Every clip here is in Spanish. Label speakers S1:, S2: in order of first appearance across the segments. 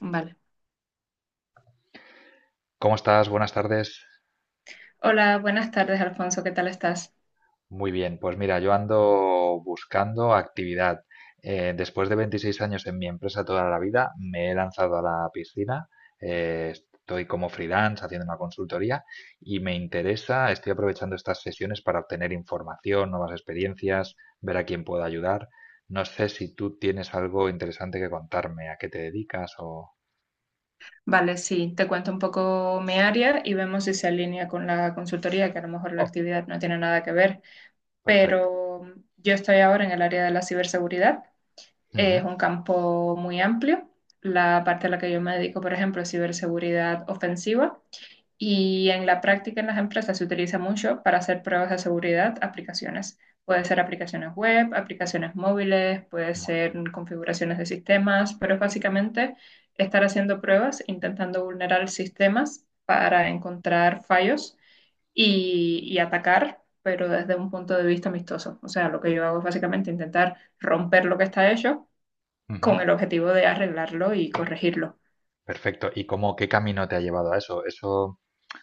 S1: Vale.
S2: ¿Cómo estás? Buenas tardes.
S1: Hola, buenas tardes, Alfonso. ¿Qué tal estás?
S2: Muy bien, pues mira, yo ando buscando actividad. Después de 26 años en mi empresa toda la vida, me he lanzado a la piscina. Estoy como freelance haciendo una consultoría y me interesa, estoy aprovechando estas sesiones para obtener información, nuevas experiencias, ver a quién puedo ayudar. No sé si tú tienes algo interesante que contarme, a qué te dedicas o.
S1: Vale, sí, te cuento un poco mi área y vemos si se alinea con la consultoría, que a lo mejor la
S2: Oh,
S1: actividad no tiene nada que ver,
S2: perfecto.
S1: pero yo estoy ahora en el área de la ciberseguridad.
S2: Ujú.
S1: Es un campo muy amplio. La parte a la que yo me dedico, por ejemplo, es ciberseguridad ofensiva. Y en la práctica en las empresas se utiliza mucho para hacer pruebas de seguridad, aplicaciones. Puede ser aplicaciones web, aplicaciones móviles, puede
S2: Bueno,
S1: ser configuraciones de sistemas, pero es básicamente estar haciendo pruebas, intentando vulnerar sistemas para encontrar fallos y atacar, pero desde un punto de vista amistoso. O sea, lo que yo hago es básicamente intentar romper lo que está hecho
S2: ujú.
S1: con el objetivo de arreglarlo y corregirlo.
S2: Perfecto. ¿Y cómo, qué camino te ha llevado a eso?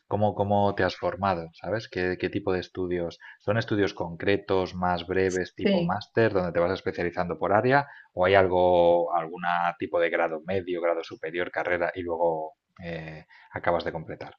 S2: ¿Cómo te has formado? ¿Sabes? ¿Qué tipo de estudios? ¿Son estudios concretos, más breves, tipo
S1: Sí.
S2: máster, donde te vas especializando por área? ¿O hay algo, algún tipo de grado medio, grado superior, carrera y luego eh, acabas de completar?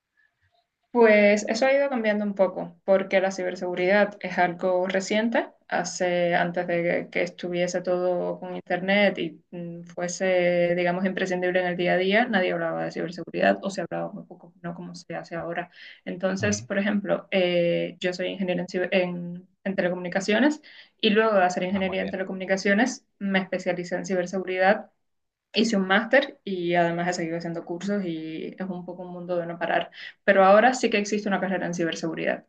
S1: Pues eso ha ido cambiando un poco, porque la ciberseguridad es algo reciente. Hace, antes de que estuviese todo con internet y fuese, digamos, imprescindible en el día a día, nadie hablaba de ciberseguridad o se hablaba muy poco, no como se hace ahora. Entonces,
S2: Ujú.
S1: por ejemplo, yo soy ingeniera en, en telecomunicaciones, y luego de hacer
S2: Ah, muy
S1: ingeniería en
S2: bien,
S1: telecomunicaciones me especialicé en ciberseguridad, hice un máster y además he seguido haciendo cursos y es un poco un mundo de no parar. Pero ahora sí que existe una carrera en ciberseguridad.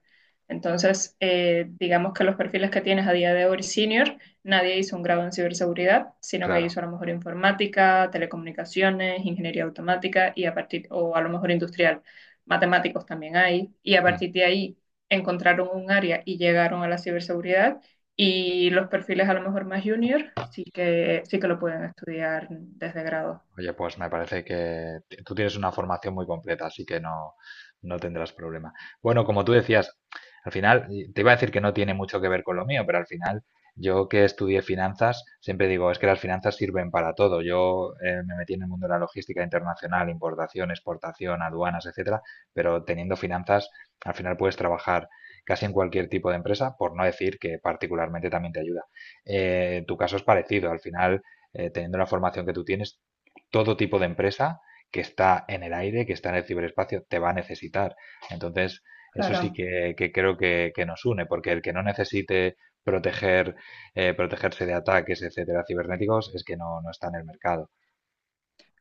S1: Entonces, digamos que los perfiles que tienes a día de hoy senior, nadie hizo un grado en ciberseguridad, sino que
S2: claro.
S1: hizo a lo mejor informática, telecomunicaciones, ingeniería automática y a partir, o a lo mejor industrial, matemáticos también hay, y a partir de ahí encontraron un área y llegaron a la ciberseguridad, y los perfiles a lo mejor más junior sí que lo pueden estudiar desde grado.
S2: Oye, pues me parece que tú tienes una formación muy completa, así que no, no tendrás problema. Bueno, como tú decías, al final, y te iba a decir que no tiene mucho que ver con lo mío, pero al final, yo que estudié finanzas, siempre digo, es que las finanzas sirven para todo. Yo me metí en el mundo de la logística internacional, importación, exportación, aduanas, etcétera, pero teniendo finanzas, al final puedes trabajar casi en cualquier tipo de empresa, por no decir que particularmente también te ayuda. Tu caso es parecido, al final teniendo la formación que tú tienes, todo tipo de empresa que está en el aire, que está en el ciberespacio, te va a necesitar. Entonces, eso sí
S1: Claro,
S2: que creo que nos une, porque el que no necesite proteger, protegerse de ataques, etcétera, cibernéticos, es que no, no está en el mercado.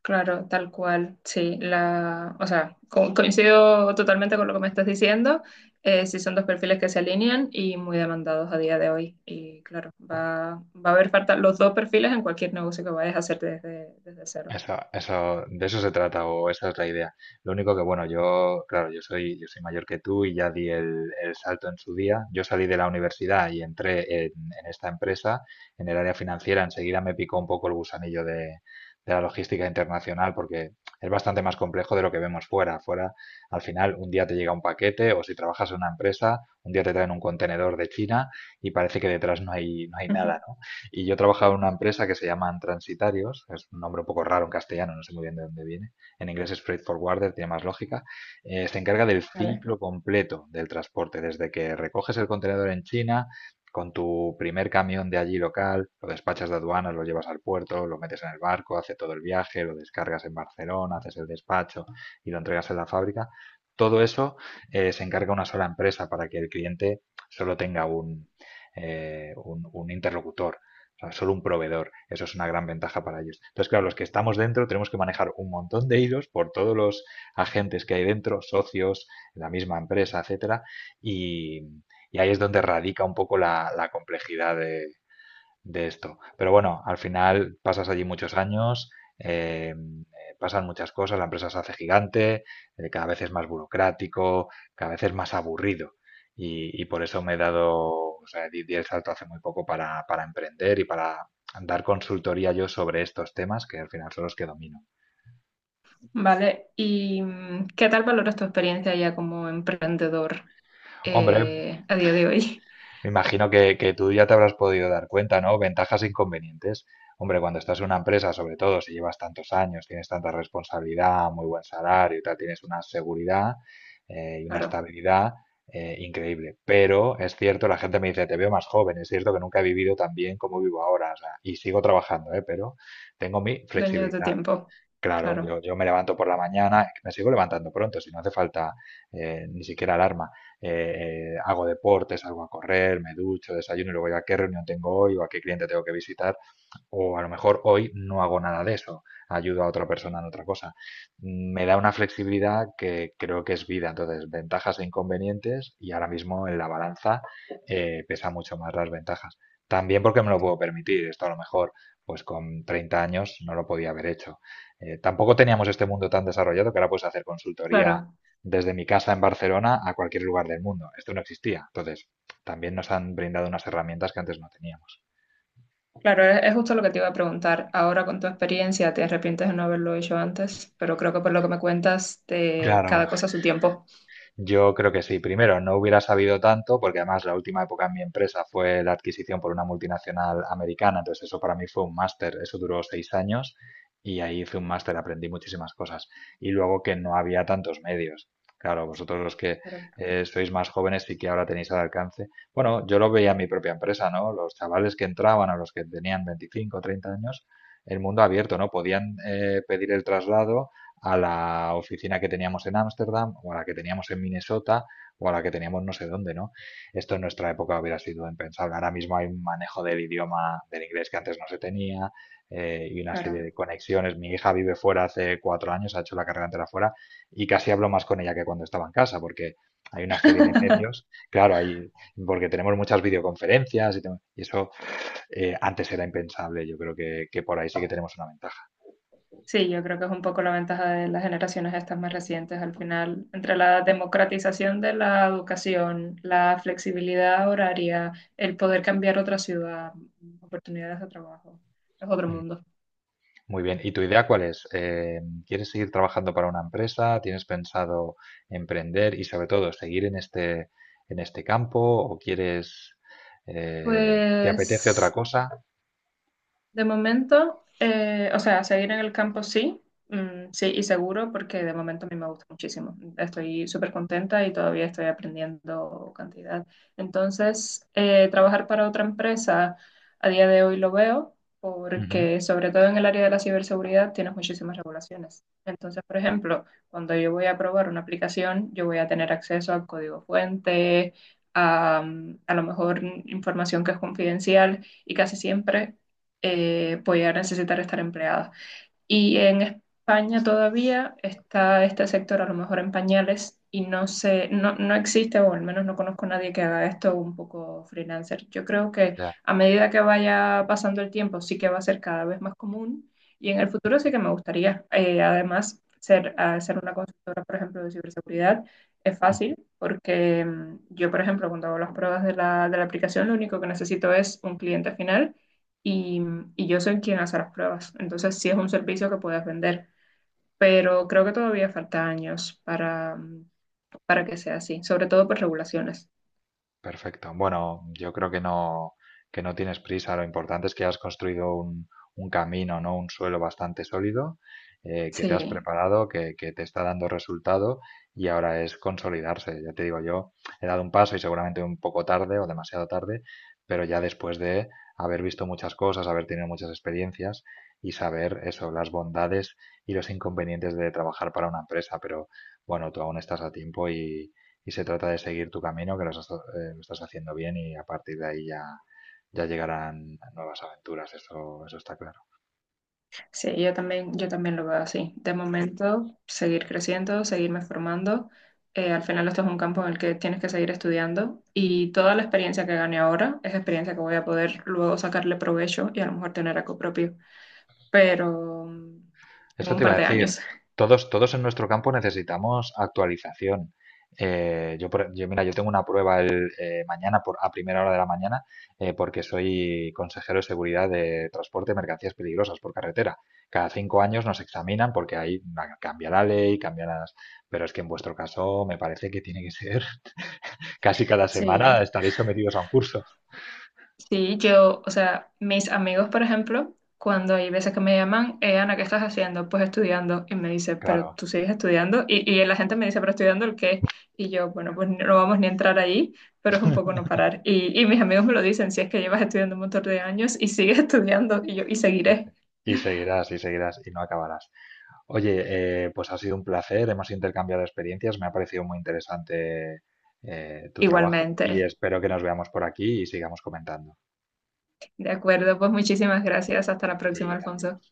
S1: claro, tal cual. Sí, la, o sea, coincido totalmente con lo que me estás diciendo. Sí son dos perfiles que se alinean y muy demandados a día de hoy. Y claro, va, va a haber falta los dos perfiles en cualquier negocio que vayas a hacer desde, desde cero.
S2: Eso, de eso se trata, o esa es la idea. Lo único que, bueno, yo, claro, yo soy mayor que tú y ya di el salto en su día. Yo salí de la universidad y entré en esta empresa, en el área financiera. Enseguida me picó un poco el gusanillo de la logística internacional porque es bastante más complejo de lo que vemos fuera. Fuera, al final, un día te llega un paquete o si trabajas en una empresa, un día te traen un contenedor de China y parece que detrás no hay, no hay
S1: Ujú.
S2: nada, y yo trabajaba en una empresa que se llaman Transitarios, es un nombre un poco raro en castellano, no sé muy bien de dónde viene. En inglés es Freight Forwarder, tiene más lógica. Se encarga del
S1: Vale.
S2: ciclo completo del transporte, desde que recoges el contenedor en China, con tu primer camión de allí local, lo despachas de aduanas, lo llevas al puerto, lo metes en el barco, hace todo el viaje, lo descargas en Barcelona, haces el despacho y lo entregas en la fábrica. Todo eso se encarga una sola empresa para que el cliente solo tenga un interlocutor, o sea, solo un proveedor. Eso es una gran ventaja para ellos. Entonces, claro, los que estamos dentro tenemos que manejar un montón de hilos por todos los agentes que hay dentro, socios, la misma empresa, etcétera, y, y ahí es donde radica un poco la complejidad de esto. Pero bueno, al final pasas allí muchos años, eh, pasan muchas cosas, la empresa se hace gigante, cada vez es más burocrático, cada vez es más aburrido. Y por eso me he dado, o sea, di el salto hace muy poco para emprender y para dar consultoría yo sobre estos temas, que al final son los que domino.
S1: Vale. ¿Y qué tal valoras tu experiencia ya como emprendedor,
S2: Hombre,
S1: a día de hoy?
S2: me imagino que tú ya te habrás podido dar cuenta, ¿no? Ventajas e inconvenientes. Hombre, cuando estás en una empresa, sobre todo si llevas tantos años, tienes tanta responsabilidad, muy buen salario y tal, tienes una seguridad y una
S1: Claro.
S2: estabilidad increíble. Pero es cierto, la gente me dice, te veo más joven, es cierto que nunca he vivido tan bien como vivo ahora, o sea, y sigo trabajando, ¿eh? Pero tengo mi
S1: Dueño de tu
S2: flexibilidad.
S1: tiempo.
S2: Claro,
S1: Claro,
S2: yo me levanto por la mañana, me sigo levantando pronto, si no hace falta ni siquiera alarma. Hago deportes, salgo a correr, me ducho, desayuno y luego ya qué reunión tengo hoy o a qué cliente tengo que visitar o a lo mejor hoy no hago nada de eso, ayudo a otra persona en otra cosa. Me da una flexibilidad que creo que es vida. Entonces, ventajas e inconvenientes y ahora mismo en la balanza pesa mucho más las ventajas. También porque me lo puedo permitir. Esto a lo mejor, pues con 30 años no lo podía haber hecho. Tampoco teníamos este mundo tan desarrollado que ahora puedes hacer consultoría
S1: claro,
S2: desde mi casa en Barcelona a cualquier lugar del mundo. Esto no existía. Entonces, también nos han brindado unas herramientas que antes no teníamos.
S1: claro, es justo lo que te iba a preguntar. Ahora con tu experiencia, ¿te arrepientes de no haberlo hecho antes? Pero creo que por lo que me cuentas, de
S2: Claro,
S1: cada cosa a su tiempo.
S2: yo creo que sí. Primero, no hubiera sabido tanto, porque además la última época en mi empresa fue la adquisición por una multinacional americana, entonces eso para mí fue un máster, eso duró 6 años y ahí hice un máster, aprendí muchísimas cosas. Y luego que no había tantos medios. Claro, vosotros los que
S1: Claro,
S2: sois más jóvenes y que ahora tenéis al alcance. Bueno, yo lo veía en mi propia empresa, ¿no? Los chavales que entraban a los que tenían 25 o 30 años, el mundo abierto, ¿no? Podían pedir el traslado a la oficina que teníamos en Ámsterdam o a la que teníamos en Minnesota o a la que teníamos no sé dónde, ¿no? Esto en nuestra época hubiera sido impensable. Ahora mismo hay un manejo del idioma del inglés que antes no se tenía y una serie
S1: claro.
S2: de conexiones. Mi hija vive fuera hace 4 años, ha hecho la carrera entera fuera y casi hablo más con ella que cuando estaba en casa porque hay una serie de medios, claro, hay, porque tenemos muchas videoconferencias y eso antes era impensable. Yo creo que por ahí sí que tenemos una ventaja.
S1: Sí, yo creo que es un poco la ventaja de las generaciones estas más recientes. Al final, entre la democratización de la educación, la flexibilidad horaria, el poder cambiar otra ciudad, oportunidades de trabajo, es otro mundo.
S2: Muy bien, ¿y tu idea cuál es? ¿Quieres seguir trabajando para una empresa? ¿Tienes pensado emprender y sobre todo seguir en este campo? ¿O quieres, te apetece otra
S1: Pues
S2: cosa?
S1: de momento, o sea, seguir en el campo sí, sí y seguro, porque de momento a mí me gusta muchísimo. Estoy súper contenta y todavía estoy aprendiendo cantidad. Entonces, trabajar para otra empresa a día de hoy lo veo,
S2: Ujú,
S1: porque sobre todo en el área de la ciberseguridad tienes muchísimas regulaciones. Entonces, por ejemplo, cuando yo voy a probar una aplicación, yo voy a tener acceso al código fuente, a, a lo mejor información que es confidencial y casi siempre voy a necesitar estar empleada. Y en España todavía está este sector a lo mejor en pañales y no sé, no, no existe o al menos no conozco a nadie que haga esto un poco freelancer. Yo creo que
S2: ya.
S1: a medida que vaya pasando el tiempo sí que va a ser cada vez más común y en el futuro sí que me gustaría. Eh, además, ser, ser una consultora, por ejemplo, de ciberseguridad es fácil porque yo, por ejemplo, cuando hago las pruebas de la aplicación, lo único que necesito es un cliente final y, y yo soy quien hace las pruebas. Entonces sí es un servicio que puedes vender, pero creo que todavía falta años para que sea así, sobre todo por regulaciones.
S2: Perfecto. Bueno, yo creo que no tienes prisa. Lo importante es que has construido un camino, ¿no? Un suelo bastante sólido, que te has
S1: Sí,
S2: preparado, que te está dando resultado y ahora es consolidarse. Ya te digo, yo he dado un paso y seguramente un poco tarde o demasiado tarde, pero ya después de haber visto muchas cosas, haber tenido muchas experiencias y saber eso, las bondades y los inconvenientes de trabajar para una empresa. Pero bueno, tú aún estás a tiempo y se trata de seguir tu camino, que lo estás haciendo bien y a partir de ahí ya llegarán nuevas aventuras, eso está claro.
S1: sí, yo también lo veo así. De momento, seguir creciendo, seguirme formando. Al final esto es un campo en el que tienes que seguir estudiando y toda la experiencia que gane ahora es experiencia que voy a poder luego sacarle provecho y a lo mejor tener algo propio, pero en
S2: Eso
S1: un
S2: te iba
S1: par
S2: a
S1: de
S2: decir,
S1: años.
S2: todos en nuestro campo necesitamos actualización. Yo, mira, yo tengo una prueba mañana a primera hora de la mañana, porque soy consejero de seguridad de transporte de mercancías peligrosas por carretera. Cada 5 años nos examinan porque ahí cambia la ley, cambia las. Pero es que en vuestro caso me parece que tiene que ser casi cada
S1: Sí,
S2: semana estaréis sometidos a un curso,
S1: sí, yo, o sea, mis amigos, por ejemplo, cuando hay veces que me llaman, Ana, ¿qué estás haciendo? Pues estudiando. Y me dice, pero
S2: claro.
S1: tú sigues estudiando. Y la gente me dice, pero estudiando el qué. Y yo, bueno, pues no vamos ni a entrar ahí, pero es un poco no parar. Y mis amigos me lo dicen, si es que llevas estudiando un montón de años y sigues estudiando. Y yo, y
S2: Sí, sí.
S1: seguiré
S2: Y seguirás, y seguirás, y no acabarás. Oye, pues ha sido un placer, hemos intercambiado experiencias, me ha parecido muy interesante tu trabajo y
S1: igualmente.
S2: espero que nos veamos por aquí y sigamos comentando.
S1: De acuerdo, pues muchísimas gracias. Hasta la
S2: A ti,
S1: próxima, Alfonso.
S2: adiós.